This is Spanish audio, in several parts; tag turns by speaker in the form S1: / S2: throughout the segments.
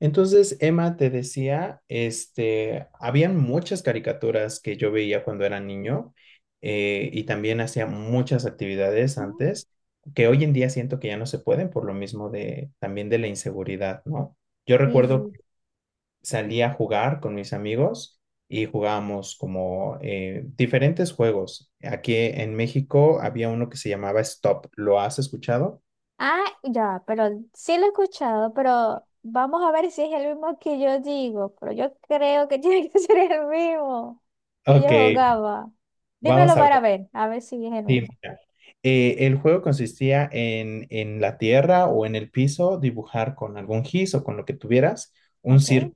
S1: Entonces, Emma te decía, habían muchas caricaturas que yo veía cuando era niño. Y también hacía muchas actividades
S2: Mm,
S1: antes que hoy en día siento que ya no se pueden por lo mismo de también de la inseguridad, ¿no? Yo recuerdo
S2: Sí.
S1: que salía a jugar con mis amigos y jugábamos como diferentes juegos. Aquí en México había uno que se llamaba Stop. ¿Lo has escuchado?
S2: Ah, ya, pero sí lo he escuchado, pero vamos a ver si es el mismo que yo digo, pero yo creo que tiene que ser el mismo que
S1: Ok,
S2: yo jugaba. Dímelo
S1: vamos a
S2: para
S1: ver.
S2: ver, a ver si es el
S1: Sí,
S2: mismo.
S1: mira, el juego consistía en la tierra o en el piso, dibujar con algún gis o con lo que tuvieras un
S2: ¿Ok?
S1: círculo.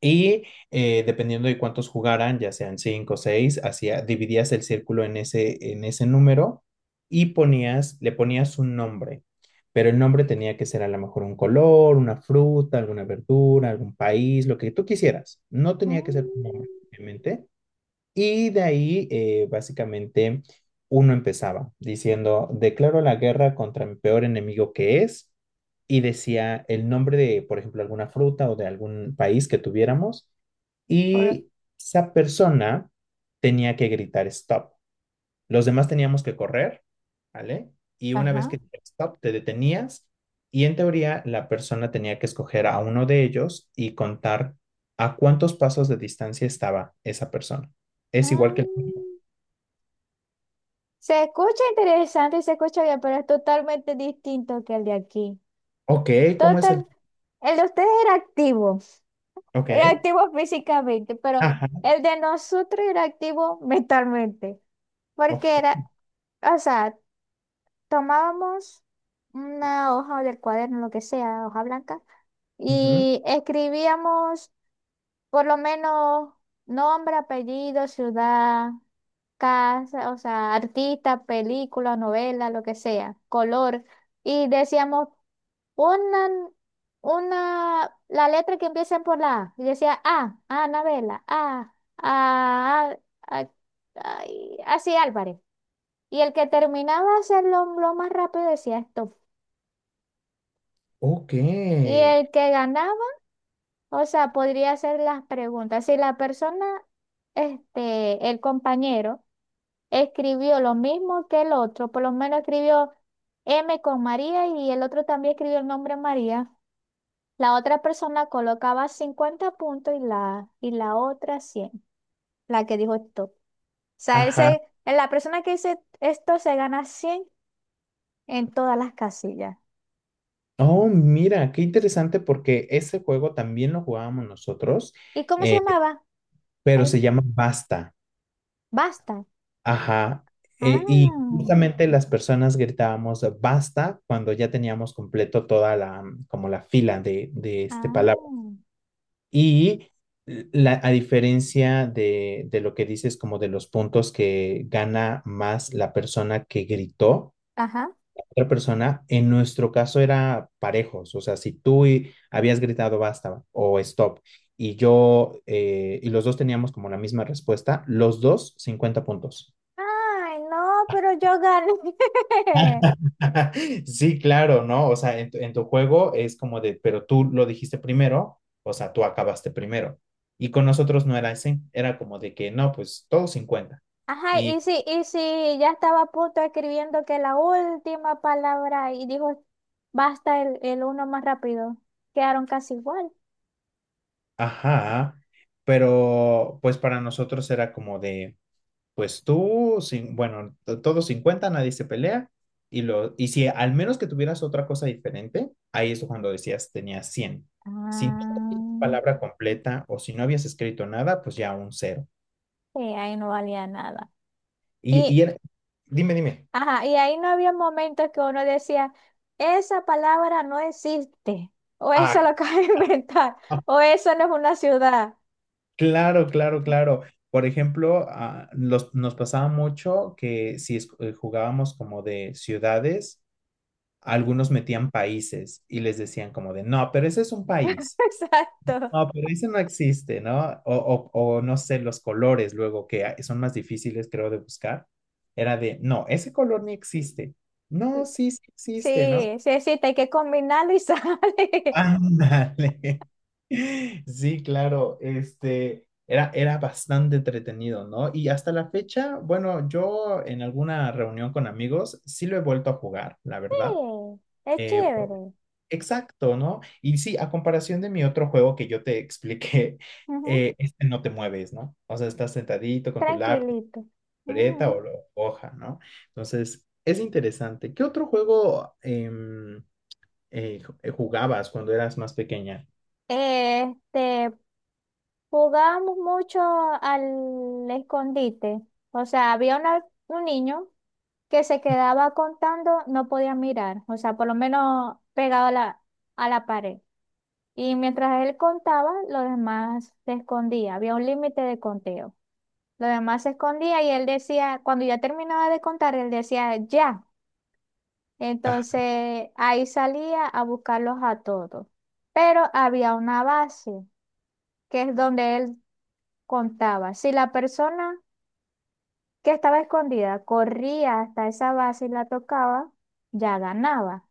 S1: Y dependiendo de cuántos jugaran, ya sean cinco o seis, dividías el círculo en ese número y le ponías un nombre. Pero el nombre tenía que ser a lo mejor un color, una fruta, alguna verdura, algún país, lo que tú quisieras. No tenía que ser tu
S2: Mm,
S1: nombre, obviamente. Y de ahí, básicamente, uno empezaba diciendo, declaro la guerra contra mi peor enemigo que es, y decía el nombre de, por ejemplo, alguna fruta o de algún país que tuviéramos,
S2: por-
S1: y esa persona tenía que gritar stop. Los demás teníamos que correr, ¿vale? Y una vez
S2: Ajá.
S1: que stop, te detenías y en teoría la persona tenía que escoger a uno de ellos y contar a cuántos pasos de distancia estaba esa persona. Es igual
S2: Ah,
S1: que el tuyo.
S2: se escucha interesante y se escucha bien, pero es totalmente distinto que el de aquí.
S1: Ok, ¿cómo es el?
S2: Total, el de ustedes era activo.
S1: Ok,
S2: Era activo físicamente, pero
S1: ajá,
S2: el de nosotros era activo mentalmente, porque
S1: ok,
S2: era, o sea, tomábamos una hoja del cuaderno, lo que sea, hoja blanca,
S1: ujú,
S2: y escribíamos por lo menos nombre, apellido, ciudad, casa, o sea, artista, película, novela, lo que sea, color. Y decíamos una, la letra que empieza por la A. Y decía A, Anabela, A, A- ay, así Álvarez. Y el que terminaba de hacerlo lo más rápido decía esto.
S1: ok,
S2: Y el que ganaba, o sea, podría hacer las preguntas. Si la persona, este, el compañero, escribió lo mismo que el otro, por lo menos escribió M con María y el otro también escribió el nombre María, la otra persona colocaba 50 puntos y la otra 100, la que dijo esto. O sea,
S1: ajá.
S2: la persona que dice esto se gana 100 en todas las casillas.
S1: Oh, mira, qué interesante porque ese juego también lo jugábamos nosotros,
S2: ¿Y cómo se
S1: eh,
S2: llamaba?
S1: pero
S2: Ay,
S1: se llama Basta.
S2: Basta.
S1: Ajá. Y
S2: Ah,
S1: justamente las personas gritábamos basta cuando ya teníamos completo toda la, como la fila de este palabra.
S2: ah,
S1: Y a diferencia de lo que dices, como de los puntos que gana más la persona que gritó
S2: ajá.
S1: otra persona, en nuestro caso era parejos. O sea, si habías gritado basta o stop y yo y los dos teníamos como la misma respuesta, los dos 50 puntos.
S2: Ay, no, pero yo gané.
S1: Sí, claro, ¿no? O sea, en tu juego es como de, pero tú lo dijiste primero, o sea, tú acabaste primero. Y con nosotros no era así, era como de que no, pues todos cincuenta.
S2: Ajá,
S1: Y,
S2: y si ya estaba a punto escribiendo que la última palabra y dijo basta el uno más rápido. Quedaron casi igual.
S1: ajá, pero pues para nosotros era como de, pues tú, sin, bueno, todos 50, nadie se pelea. Y y si al menos que tuvieras otra cosa diferente, ahí es cuando decías tenías 100. Si no
S2: Ah,
S1: tenías palabra completa o si no habías escrito nada, pues ya un cero.
S2: sí, ahí no valía nada.
S1: Y,
S2: Y,
S1: y era- Dime, dime.
S2: ajá, y ahí no había momentos que uno decía, esa palabra no existe, o eso
S1: Ah,
S2: lo acabo de inventar,
S1: ah,
S2: o eso no es una ciudad.
S1: claro, claro, claro. Por ejemplo, nos pasaba mucho que si jugábamos como de ciudades, algunos metían países y les decían como de, no, pero ese es un país.
S2: Exacto.
S1: No, pero ese no existe, ¿no? O no sé, los colores luego que ah, son más difíciles, creo, de buscar. Era de, no, ese color ni existe. No, sí, sí existe, ¿no?
S2: Sí, sí existe, hay que combinarlo y sale.
S1: Ándale. Sí, claro, este era, era bastante entretenido, ¿no? Y hasta la fecha, bueno, yo en alguna reunión con amigos sí lo he vuelto a jugar, la verdad.
S2: Sí, es
S1: Eh, por-
S2: chévere.
S1: exacto, ¿no? Y sí, a comparación de mi otro juego que yo te expliqué,
S2: Ujú.
S1: este no te mueves, ¿no? O sea, estás sentadito con tu lápiz,
S2: Tranquilito.
S1: libreta
S2: Ujú.
S1: o hoja, ¿no? Entonces, es interesante. ¿Qué otro juego jugabas cuando eras más pequeña?
S2: Este, jugábamos mucho al escondite. O sea, un niño que se quedaba contando, no podía mirar. O sea, por lo menos pegado a a la pared. Y mientras él contaba, los demás se escondía. Había un límite de conteo. Los demás se escondía y él decía, cuando ya terminaba de contar, él decía, ya. Entonces ahí salía a buscarlos a todos. Pero había una base, que es donde él contaba. Si la persona que estaba escondida corría hasta esa base y la tocaba, ya ganaba.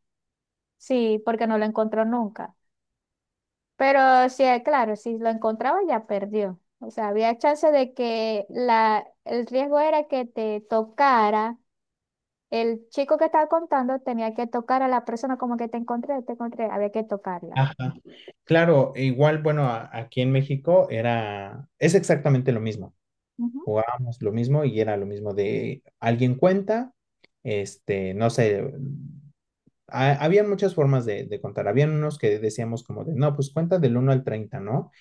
S2: Sí, porque no lo encontró nunca. Pero sí, claro, si lo encontraba ya perdió. O sea, había chance de que el riesgo era que te tocara. El chico que estaba contando tenía que tocar a la persona, como que te encontré, había que tocarla.
S1: Ajá, claro, e igual, bueno, aquí en México es exactamente lo mismo,
S2: Ujú.
S1: jugábamos lo mismo y era lo mismo de alguien cuenta, este, no sé, había muchas formas de contar, habían unos que decíamos como de, no, pues cuenta del uno al treinta, ¿no?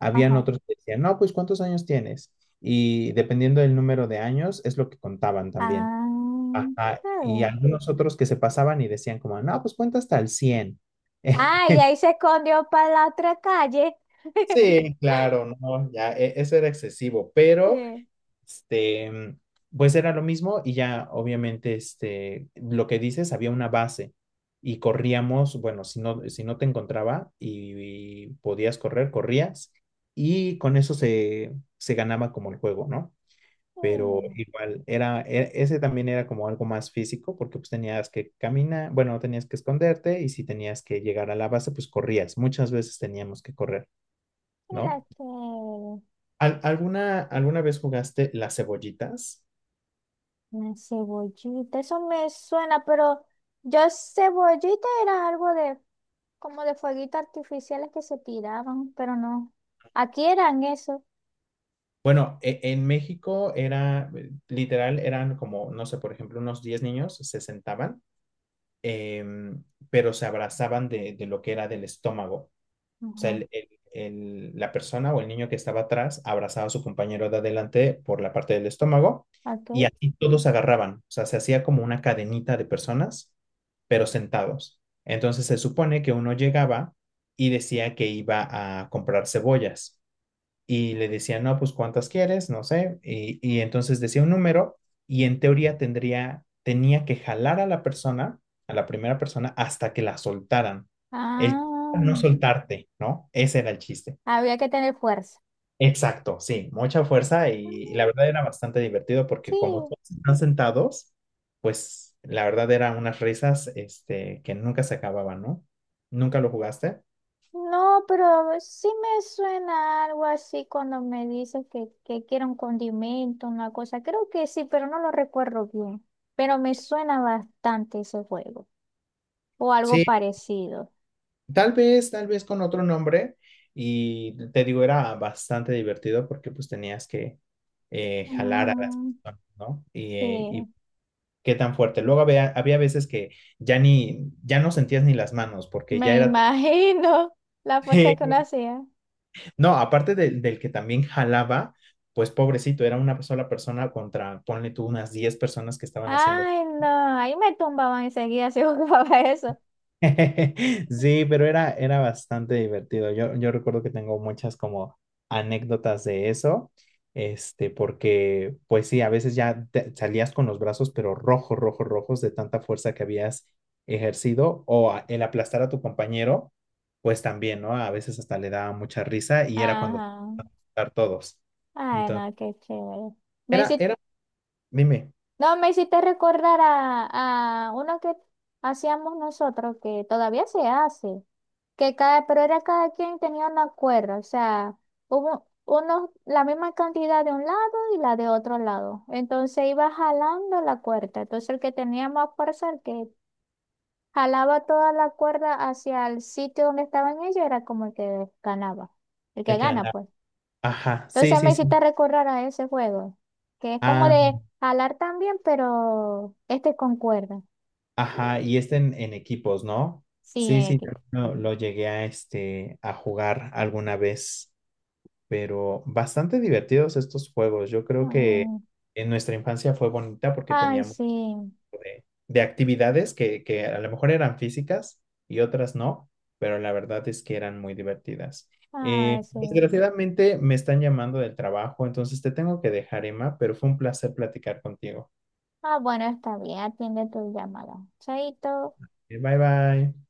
S1: Habían
S2: Ajá.
S1: otros que decían, no, pues ¿cuántos años tienes? Y dependiendo del número de años es lo que contaban también.
S2: Ah,
S1: Ajá,
S2: está
S1: y
S2: bien.
S1: algunos otros que se pasaban y decían como, no, pues cuenta hasta el cien.
S2: Ah, y ahí se escondió para la otra calle.
S1: Sí, claro, no, ya, eso era excesivo, pero,
S2: Sí.
S1: este, pues era lo mismo y ya, obviamente, este, lo que dices, había una base y corríamos, bueno, si no te encontraba y podías correr, corrías y con eso se ganaba como el juego, ¿no?
S2: Sí,
S1: Pero igual, ese también era como algo más físico porque pues tenías que caminar, bueno, tenías que esconderte y si tenías que llegar a la base, pues corrías, muchas veces teníamos que correr,
S2: era
S1: ¿no?
S2: chévere.
S1: ¿Alguna vez jugaste las cebollitas?
S2: Una cebollita, eso me suena, pero yo cebollita era algo de, como de fueguitos artificiales que se tiraban, pero no. Aquí eran eso.
S1: Bueno, en México era, literal, eran como, no sé, por ejemplo, unos 10 niños se sentaban, em, pero se abrazaban de lo que era del estómago. O sea,
S2: Ajá.
S1: la persona o el niño que estaba atrás abrazaba a su compañero de adelante por la parte del estómago
S2: Ok.
S1: y así todos agarraban. O sea, se hacía como una cadenita de personas, pero sentados. Entonces se supone que uno llegaba y decía que iba a comprar cebollas y le decía, no, pues cuántas quieres, no sé, y entonces decía un número y en teoría tenía que jalar a la persona, a la primera persona, hasta que la soltaran. El chiste era
S2: Ah,
S1: no soltarte, ¿no? Ese era el chiste.
S2: había que tener fuerza.
S1: Exacto, sí, mucha fuerza y la
S2: Mm.
S1: verdad era bastante divertido
S2: Sí.
S1: porque como todos están sentados, pues la verdad eran unas risas este, que nunca se acababan, ¿no? ¿Nunca lo jugaste?
S2: No, pero sí me suena algo así cuando me dices que quiero un condimento, una cosa. Creo que sí, pero no lo recuerdo bien. Pero me suena bastante ese juego o algo
S1: Sí.
S2: parecido.
S1: Tal vez con otro nombre. Y te digo, era bastante divertido porque pues tenías que jalar a las
S2: Mm,
S1: personas, ¿no? Y, eh,
S2: sí,
S1: y qué tan fuerte. Luego había veces que ya no sentías ni las manos porque ya
S2: me
S1: era
S2: imagino la fuerza que uno hacía.
S1: No, aparte del que también jalaba, pues pobrecito, era una sola persona contra, ponle tú, unas 10 personas que estaban haciendo.
S2: Ay, no, ahí me tumbaban enseguida si jugaba eso.
S1: Sí, pero era bastante divertido. Yo recuerdo que tengo muchas como anécdotas de eso, este, porque pues sí, a veces ya salías con los brazos, pero rojos, rojos, rojos de tanta fuerza que habías ejercido o el aplastar a tu compañero, pues también, ¿no? A veces hasta le daba mucha risa y era cuando
S2: Ajá.
S1: estar todos.
S2: Ay,
S1: Entonces,
S2: no, qué chévere. Me
S1: era,
S2: hiciste
S1: era, dime,
S2: No, me hiciste recordar a uno que hacíamos nosotros, que todavía se hace, que cada, pero era cada quien tenía una cuerda, o sea, hubo unos, la misma cantidad de un lado y la de otro lado. Entonces iba jalando la cuerda. Entonces el que tenía más fuerza, el que jalaba toda la cuerda hacia el sitio donde estaban ellos, era como el que ganaba, el que
S1: el que
S2: gana,
S1: ganaba.
S2: pues.
S1: Ajá, sí,
S2: Entonces me
S1: sí, sí.
S2: hiciste recordar a ese juego, que es como
S1: Ah,
S2: de jalar también, pero este con cuerda.
S1: ajá, y este en equipos, ¿no?
S2: Sí,
S1: Sí, sí,
S2: equipo.
S1: también lo llegué a, este, a jugar alguna vez, pero bastante divertidos estos juegos. Yo creo que
S2: Mm.
S1: en nuestra infancia fue bonita porque
S2: Ay,
S1: teníamos
S2: sí.
S1: de actividades que a lo mejor eran físicas y otras no, pero la verdad es que eran muy divertidas.
S2: Ay, sí.
S1: Desgraciadamente me están llamando del trabajo, entonces te tengo que dejar, Emma, pero fue un placer platicar contigo.
S2: Ah, bueno, está bien, atiende tu llamada. Chaito.
S1: Bye bye.